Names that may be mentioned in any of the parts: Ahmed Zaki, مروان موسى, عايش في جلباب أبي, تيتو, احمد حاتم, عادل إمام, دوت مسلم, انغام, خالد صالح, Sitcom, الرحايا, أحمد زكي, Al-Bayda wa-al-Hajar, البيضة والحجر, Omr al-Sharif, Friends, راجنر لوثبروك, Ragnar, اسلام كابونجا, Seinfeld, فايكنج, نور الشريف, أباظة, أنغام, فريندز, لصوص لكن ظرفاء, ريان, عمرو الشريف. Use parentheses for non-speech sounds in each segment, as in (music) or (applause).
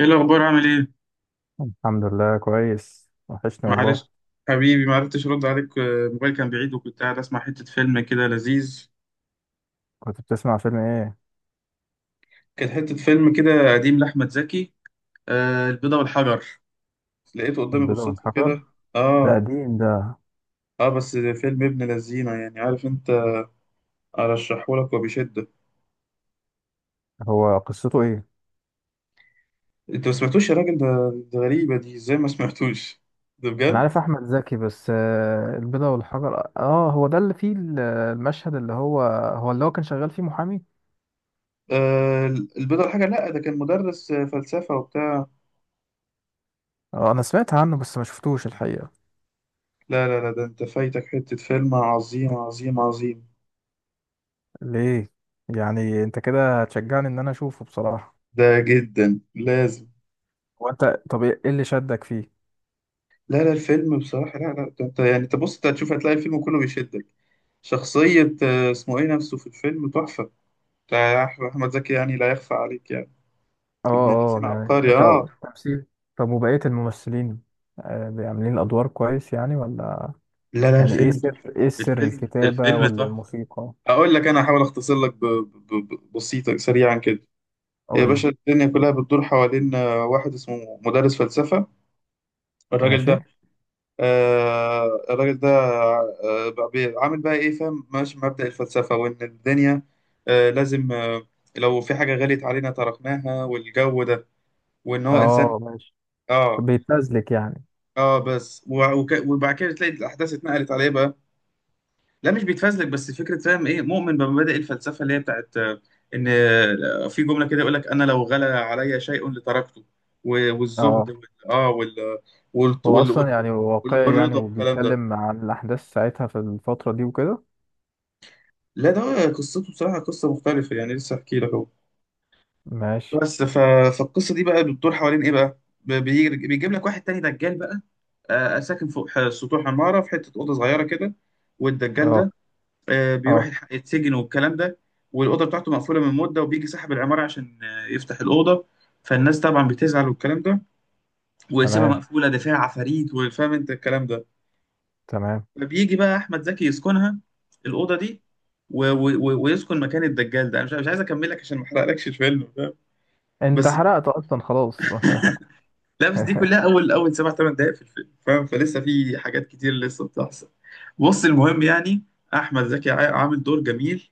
ايه الاخبار؟ عامل ايه؟ الحمد لله كويس، وحشني والله. معلش. حبيبي ما عرفتش ارد عليك، الموبايل كان بعيد وكنت قاعد اسمع حته فيلم كده لذيذ. كنت بتسمع فيلم ايه؟ كانت حته فيلم كده قديم لاحمد زكي. آه، البيضه والحجر. لقيته قدامي البيضة بالصدفه والحجر، كده. ده اه. قديم ده. اه، بس ده فيلم ابن لذينه، يعني عارف انت. ارشحه لك وبشده. هو قصته ايه؟ انت ما سمعتوش يا راجل ده؟ ده غريبه دي، ازاي ما سمعتوش (laughs) ده انا بجد. عارف احمد زكي بس البيضة والحجر، اه هو ده اللي فيه المشهد اللي هو هو اللي كان شغال فيه محامي. آه، البيضه والحجر. لا ده كان مدرس، فلسفه وبتاع. اه انا سمعت عنه بس ما شفتوش الحقيقة. لا لا لا، ده انت فايتك حته فيلم عظيم عظيم عظيم. ليه؟ يعني انت كده هتشجعني ان انا اشوفه بصراحة؟ ده جدا لازم. هو انت، طب ايه اللي شدك فيه؟ لا لا الفيلم بصراحة، لا لا ده انت يعني انت، بص انت هتشوف، هتلاقي الفيلم كله بيشدك. شخصية، اسمه ايه نفسه في الفيلم تحفة. بتاع أحمد زكي يعني لا يخفى عليك يعني. اه ابن اه، الذين يعني عبقري اه. تمثيل؟ طب وبقية الممثلين عاملين الادوار كويس يعني ولا؟ لا لا يعني ايه الفيلم تحفة. سر ايه سر الفيلم الكتابة الفيلم ولا تحفة. الموسيقى؟ أقول لك، أنا هحاول أختصر لك، بسيطة سريعا كده. يا قول لي. باشا، الدنيا كلها بتدور حوالين واحد اسمه مدرس فلسفة. الراجل ماشي. ده، الراجل ده بقى، عامل بقى ايه فاهم، ماشي مبدأ الفلسفة، وان الدنيا لازم لو في حاجة غليت علينا تركناها والجو ده، وان هو انسان. اه ماشي. اه. بيتنزلك يعني؟ اه بس، وبعد كده تلاقي الاحداث اتنقلت عليه بقى. لا مش بيتفزلك، بس فكرة، فاهم، ايه، مؤمن بمبادئ الفلسفة اللي هي بتاعت، ان في جملة كده يقول لك انا لو غلى علي شيء لتركته. والزهد اه، وال هو وال- اصلا يعني وال- واقعي يعني والرضا والكلام ده. وبيتكلم عن الاحداث ساعتها في الفترة دي وكده؟ لا ده قصته بصراحة قصة مختلفة، يعني لسه احكي لك اهو. ماشي. بس فالقصة دي بقى بتدور حوالين ايه بقى. بيجيب لك واحد تاني دجال بقى، ساكن فوق سطوح عمارة في حتة أوضة صغيرة كده. والدجال اه ده، بيروح اه. يتسجن والكلام ده. والأوضة بتاعته مقفولة من مدة، وبيجي صاحب العمارة عشان يفتح الأوضة. فالناس طبعا بتزعل والكلام ده، ويسيبها تمام، مقفولة ده فيها عفاريت وفاهم انت الكلام ده. تمام. فبيجي بقى احمد زكي يسكنها، الاوضه دي، ويسكن مكان الدجال ده. انا مش عايز اكمل لك عشان ما احرقلكش الفيلم، فاهم. انت بس. حرقت اصلا خلاص (laughs) لا بس دي كلها اول، 7 8 دقائق في الفيلم، فاهم، فلسه في حاجات كتير لسه بتحصل. بص المهم يعني، احمد زكي عامل دور جميل.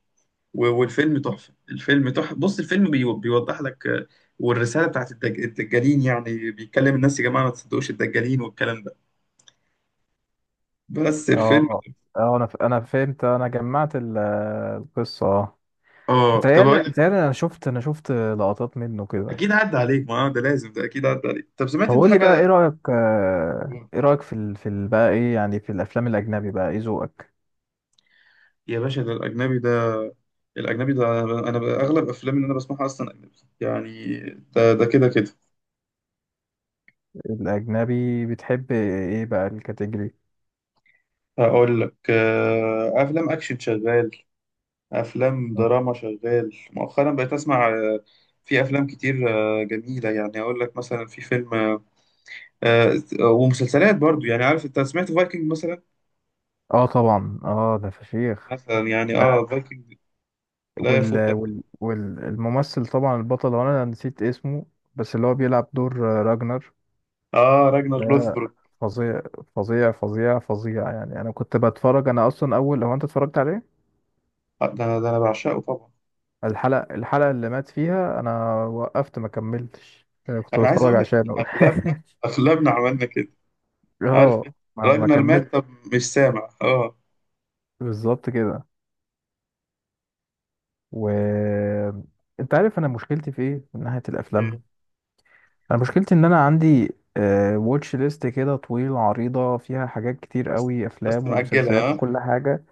والفيلم تحفه، الفيلم تحفه، بص الفيلم بيوضح لك، والرساله بتاعت الدجالين، يعني بيتكلم الناس، يا جماعه ما تصدقوش الدجالين والكلام ده. بس الفيلم. اه اه، انا انا فهمت، انا جمعت القصة اه. اه طب متهيألي متهيألي انا شفت، انا شفت لقطات منه كده. اكيد عدى عليك، ما ده لازم، ده اكيد عدى عليك. طب سمعت طب انت قول لي بقى ايه حاجه؟ رأيك، يا ايه رأيك في بقى ايه يعني في الافلام الاجنبي؟ بقى ايه ذوقك باشا، ده الأجنبي ده. الأجنبي ده، أنا أغلب أفلام اللي أنا بسمعها أصلا أجنبي يعني، ده ده كده كده. الاجنبي؟ بتحب ايه بقى الكاتيجوري؟ هقول لك، أفلام أكشن شغال، أفلام مم. دراما شغال، مؤخرا بقيت أسمع، في أفلام كتير جميلة، يعني أقول لك مثلا في فيلم ومسلسلات برضو، يعني عارف أنت، سمعت فايكنج مثلا؟ اه طبعا اه، ده فشيخ مثلا يعني ده. فايكنج لا يفوتك. والممثل طبعا البطل، وانا نسيت اسمه بس اللي هو بيلعب دور راجنر أه راجنر ده. لوثبروك. فظيع، فظيع فظيع فظيع يعني. انا كنت بتفرج، انا اصلا اول، هو انت اتفرجت عليه؟ ده أنا بعشقه طبعا. الحلقة اللي مات فيها انا وقفت ما كملتش، كنت أنا عايز بتفرج أقول لك إن عشانه أغلبنا، (laughs) أغلبنا عملنا كده. عارف اه ما راجنر مات كملت. طب، مش سامع اه. بالظبط كده. و انت عارف انا مشكلتي في ايه من ناحيه الافلام؟ إيه؟ انا مشكلتي ان انا عندي واتش ليست كده طويله عريضه فيها حاجات كتير بس، قوي، بس افلام مأجلها ومسلسلات اه. وكل حاجه.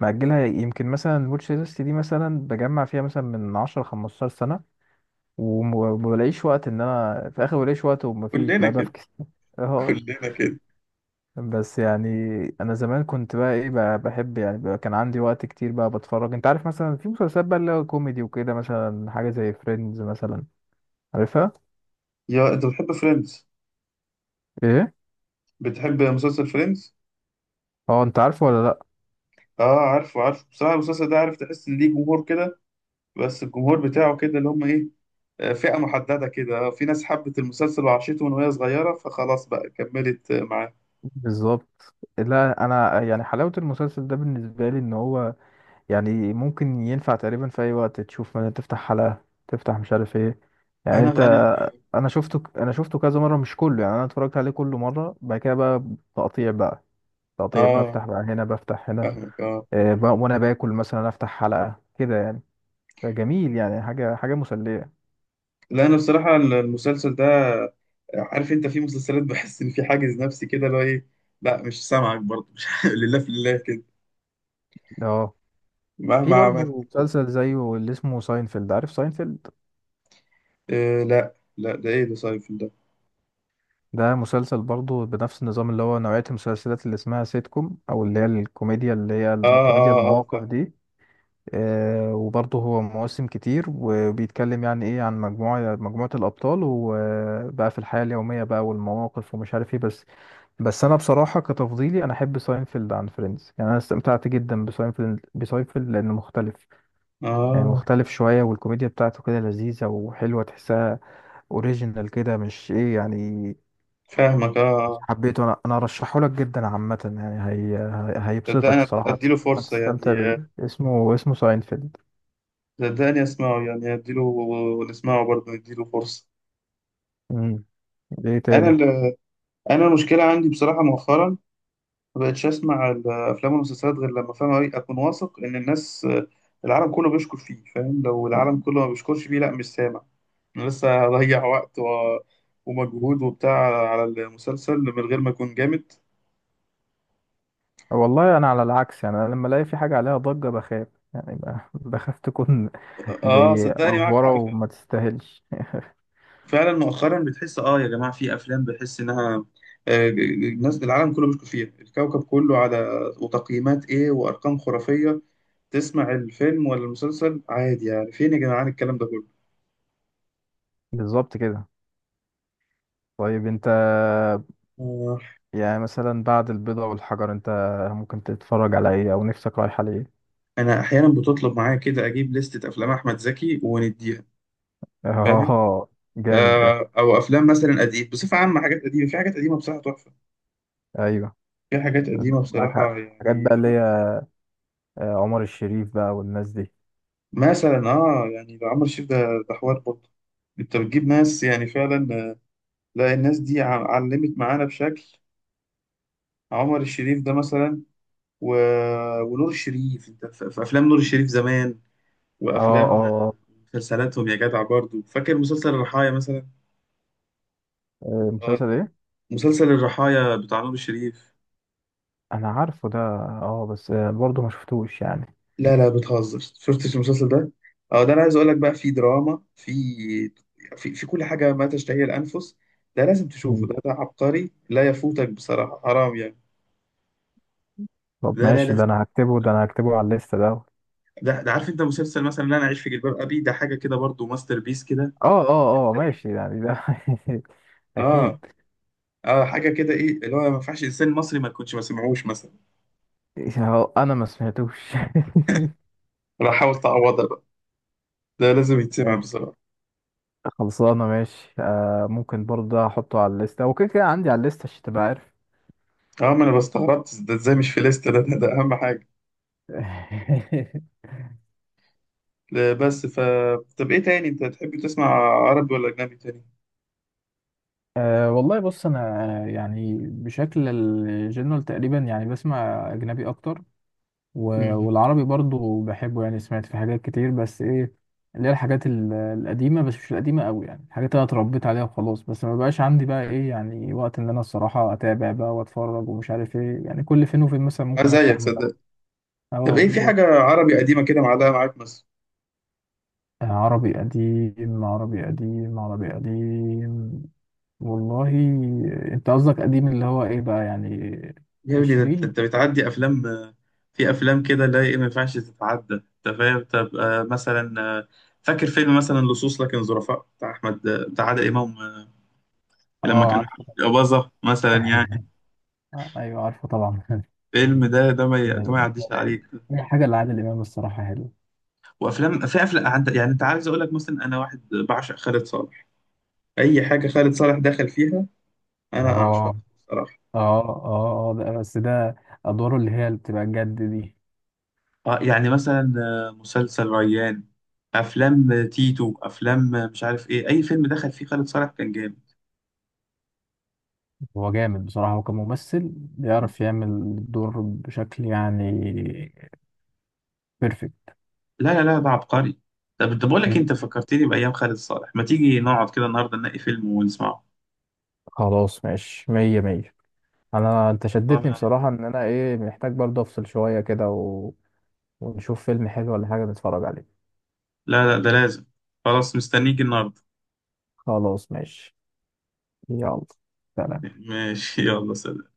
مأجلها، يمكن مثلا الواتش ليست دي مثلا بجمع فيها مثلا من 10 15 سنه، وما بلاقيش وقت، ان انا في الاخر بلاقيش وقت ومفيش كلنا بقى كده. بفكس. اه، كلنا كده. بس يعني انا زمان كنت بقى ايه بقى بحب يعني، بقى كان عندي وقت كتير بقى بتفرج. انت عارف مثلا في مسلسلات بقى اللي هو كوميدي وكده، مثلا حاجه زي فريندز مثلا، عارفها؟ يا انت بتحب فريندز؟ ايه؟ بتحب مسلسل فريندز؟ اه، انت عارفه ولا لا؟ اه عارفه عارفه، بصراحة المسلسل ده عارف، تحس ان ليه جمهور كده، بس الجمهور بتاعه كده اللي هم ايه، فئة محددة كده، في ناس حبت المسلسل وعاشته من وهي صغيرة فخلاص بقى كملت معاه. بالظبط. لا انا يعني حلاوه المسلسل ده بالنسبه لي ان هو يعني ممكن ينفع تقريبا في اي وقت تشوف. مثلا تفتح حلقه، تفتح مش عارف ايه، يعني انا انت. انا انا شفته كذا مره، مش كله يعني. انا اتفرجت عليه كله مره، بعد كده بقى تقطيع بقى، تقطيع اه، بفتح بقى هنا، بفتح هنا. فاهمك اه. وانا باكل مثلا افتح حلقة كده يعني، فجميل يعني، حاجة مسلية. لا انا بصراحة المسلسل ده، عارف انت في مسلسلات بحس ان في حاجز نفسي كده اللي هو ايه. لا مش سامعك برضه مش (laughs) لله في الله كده، اه، في مهما برضه عملت. مسلسل زيه اللي اسمه ساينفيلد، عارف ساينفيلد؟ آه، لا لا ده ايه ده سايفل ده؟ ده مسلسل برضه بنفس النظام اللي هو نوعية المسلسلات اللي اسمها سيت كوم، او اللي هي اه الكوميديا اه اه المواقف فاهم. دي. آه، وبرضه هو مواسم كتير، وبيتكلم يعني ايه عن مجموعة الابطال وبقى في الحياة اليومية بقى والمواقف ومش عارف ايه. بس، بس انا بصراحه كتفضيلي انا احب ساينفيلد عن فريندز يعني. انا استمتعت جدا بساينفيلد لانه مختلف يعني، اه مختلف شويه، والكوميديا بتاعته كده لذيذه وحلوه تحسها اوريجينال كده، مش ايه يعني. فاهمك اه. اه حبيته انا، انا ارشحه لك جدا عامه يعني. هيبسطك صدقني، الصراحه، اديله فرصة، هتستمتع يعني بيه. اسمه ساينفيلد. صدقني اسمعه، يعني اديله، نسمعه برضه نديله فرصة. امم. ايه انا تاني؟ انا المشكلة عندي بصراحة مؤخرا، ما بقتش اسمع الافلام والمسلسلات غير لما فاهم أوي، اكون واثق ان الناس العالم كله بيشكر فيه، فاهم، لو العالم كله ما بيشكرش فيه لا مش سامع، انا لسه هضيع (laughs) وقت ومجهود وبتاع على المسلسل من غير ما اكون جامد. والله انا على العكس يعني. انا لما الاقي في حاجه عليها ضجه بخاف، يعني بخاف تكون (laughs) اه زي صدقني معاك افوره حق وما فعلا، تستاهلش. فعلا مؤخرا بتحس، يا جماعه في افلام بحس انها، الناس العالم كله بيشكر فيها الكوكب كله، على وتقييمات ايه وارقام خرافيه، تسمع الفيلم ولا المسلسل عادي، يعني فين يا جدعان الكلام ده كله؟ بالظبط كده. طيب انت آه. يعني، مثلا بعد البيضة والحجر، انت ممكن تتفرج على ايه او نفسك رايحة ليه؟ انا احيانا بتطلب معايا كده اجيب لستة افلام احمد زكي ونديها، (laughs) فاهم. اه، جامد ده. او افلام مثلا قديم بصفه عامه، حاجات قديمه، في حاجات قديمه بصراحه تحفه، ايوه. في حاجات قديمه معاك حق. بصراحه حاجات يعني بقى اللي هي عمر الشريف بقى والناس دي. مثلا. اه يعني ده عمرو الشريف ده، ده حوار برضه. انت بتجيب ناس يعني فعلا، لا الناس دي علمت معانا بشكل. عمر الشريف ده مثلا، و... ونور الشريف، انت في افلام نور الشريف زمان، اه وافلام اه آه. مسلسلاتهم، يا جدع برضه فاكر مسلسل الرحايا مثلا، آه، مسلسل آه، ايه؟ مسلسل الرحايا بتاع نور الشريف. انا عارفه ده اه، بس برضه ما شفتوش يعني. لا لا بتهزر، شفتش المسلسل ده؟ اه ده انا عايز اقول لك بقى، في دراما، في، في كل حاجه ما تشتهي الانفس. ده لازم تشوفه، مم. ده ده عبقري لا يفوتك بصراحه حرام يعني. طب لا لا ماشي، لا، ده انا هكتبه، ده انا هكتبه على الليسته ده اه. ده عارف انت مسلسل مثلا اللي انا عايش في جلباب ابي ده، حاجه كده برضو ماستر بيس كده. اه اه ماشي يعني ده (laughs) اه اكيد. اه، حاجه كده ايه اللي هو ما ينفعش انسان مصري ما يكونش ما سمعوش مثلا. اه، انا ما سمعتوش (laughs) انا حاول تعوضها بقى، ده لازم يتسمع بصراحه. خلصانة ماشي، آه ممكن برضه أحطه على الليستة، وكده كده عندي على الليستة عشان تبقى عارف. اه ما انا بستغربت ده ازاي مش في ليست، ده اهم حاجه. (laughs) لا، بس طب ايه تاني انت تحب تسمع، عربي ولا اجنبي تاني؟ أه والله بص انا يعني بشكل الجنرال تقريبا يعني بسمع اجنبي اكتر، امم. والعربي برضو بحبه يعني، سمعت في حاجات كتير بس ايه، اللي هي القديمه، بس مش القديمه قوي يعني، الحاجات اللي انا اتربيت عليها وخلاص. بس ما بقاش عندي بقى ايه يعني وقت ان انا الصراحه اتابع بقى واتفرج ومش عارف ايه يعني. كل فين وفين مثلا انا ممكن افتح زيك مسلسل. صدق. طب اه ايه، في بالظبط. حاجه عربي قديمه كده معلقه معاك مثلا؟ عربي قديم، والله. انت قصدك قديم اللي هو ايه بقى يعني؟ يا ابني، ده انت عشرين؟ أنت بتعدي افلام، في افلام كده لا ايه ما ينفعش تتعدى انت فاهم، طب مثلا فاكر فيلم مثلا لصوص لكن ظرفاء بتاع احمد، بتاع عادل امام، لما اه كان عارفه معاه أباظة مثلا يعني. (laughs) آه، ايوه عارفه طبعا (laughs) الفيلم ده، ده ما ي- ده ما ده يعديش رايق. عليك. اي حاجه لعادل امام الصراحه حلوه. وافلام، في افلام يعني انت عايز اقول لك مثلا، انا واحد بعشق خالد صالح، اي حاجه خالد صالح دخل فيها انا اعشق اه بصراحه. اه اه. اه ده بس ده، ادواره اللي هي اللي بتبقى جد دي. يعني مثلا، مسلسل ريان، افلام تيتو، افلام مش عارف ايه، اي فيلم دخل فيه خالد صالح كان جامد. هو جامد بصراحه، هو كممثل بيعرف يعمل الدور بشكل يعني بيرفكت. لا لا لا ده عبقري. طب انت، بقول لك مم. انت فكرتني بايام خالد صالح، ما تيجي نقعد كده النهارده نلاقي فيلم ونسمعه. خلاص ماشي، مية مية. انت شدتني أنا- بصراحة ان انا ايه، محتاج برضه افصل شوية كده ونشوف فيلم حلو ولا حاجة نتفرج عليه. لا لا ده لازم. خلاص مستنيك النهارده. خلاص ماشي، يلا سلام. (laughs) ماشي، يلا سلام.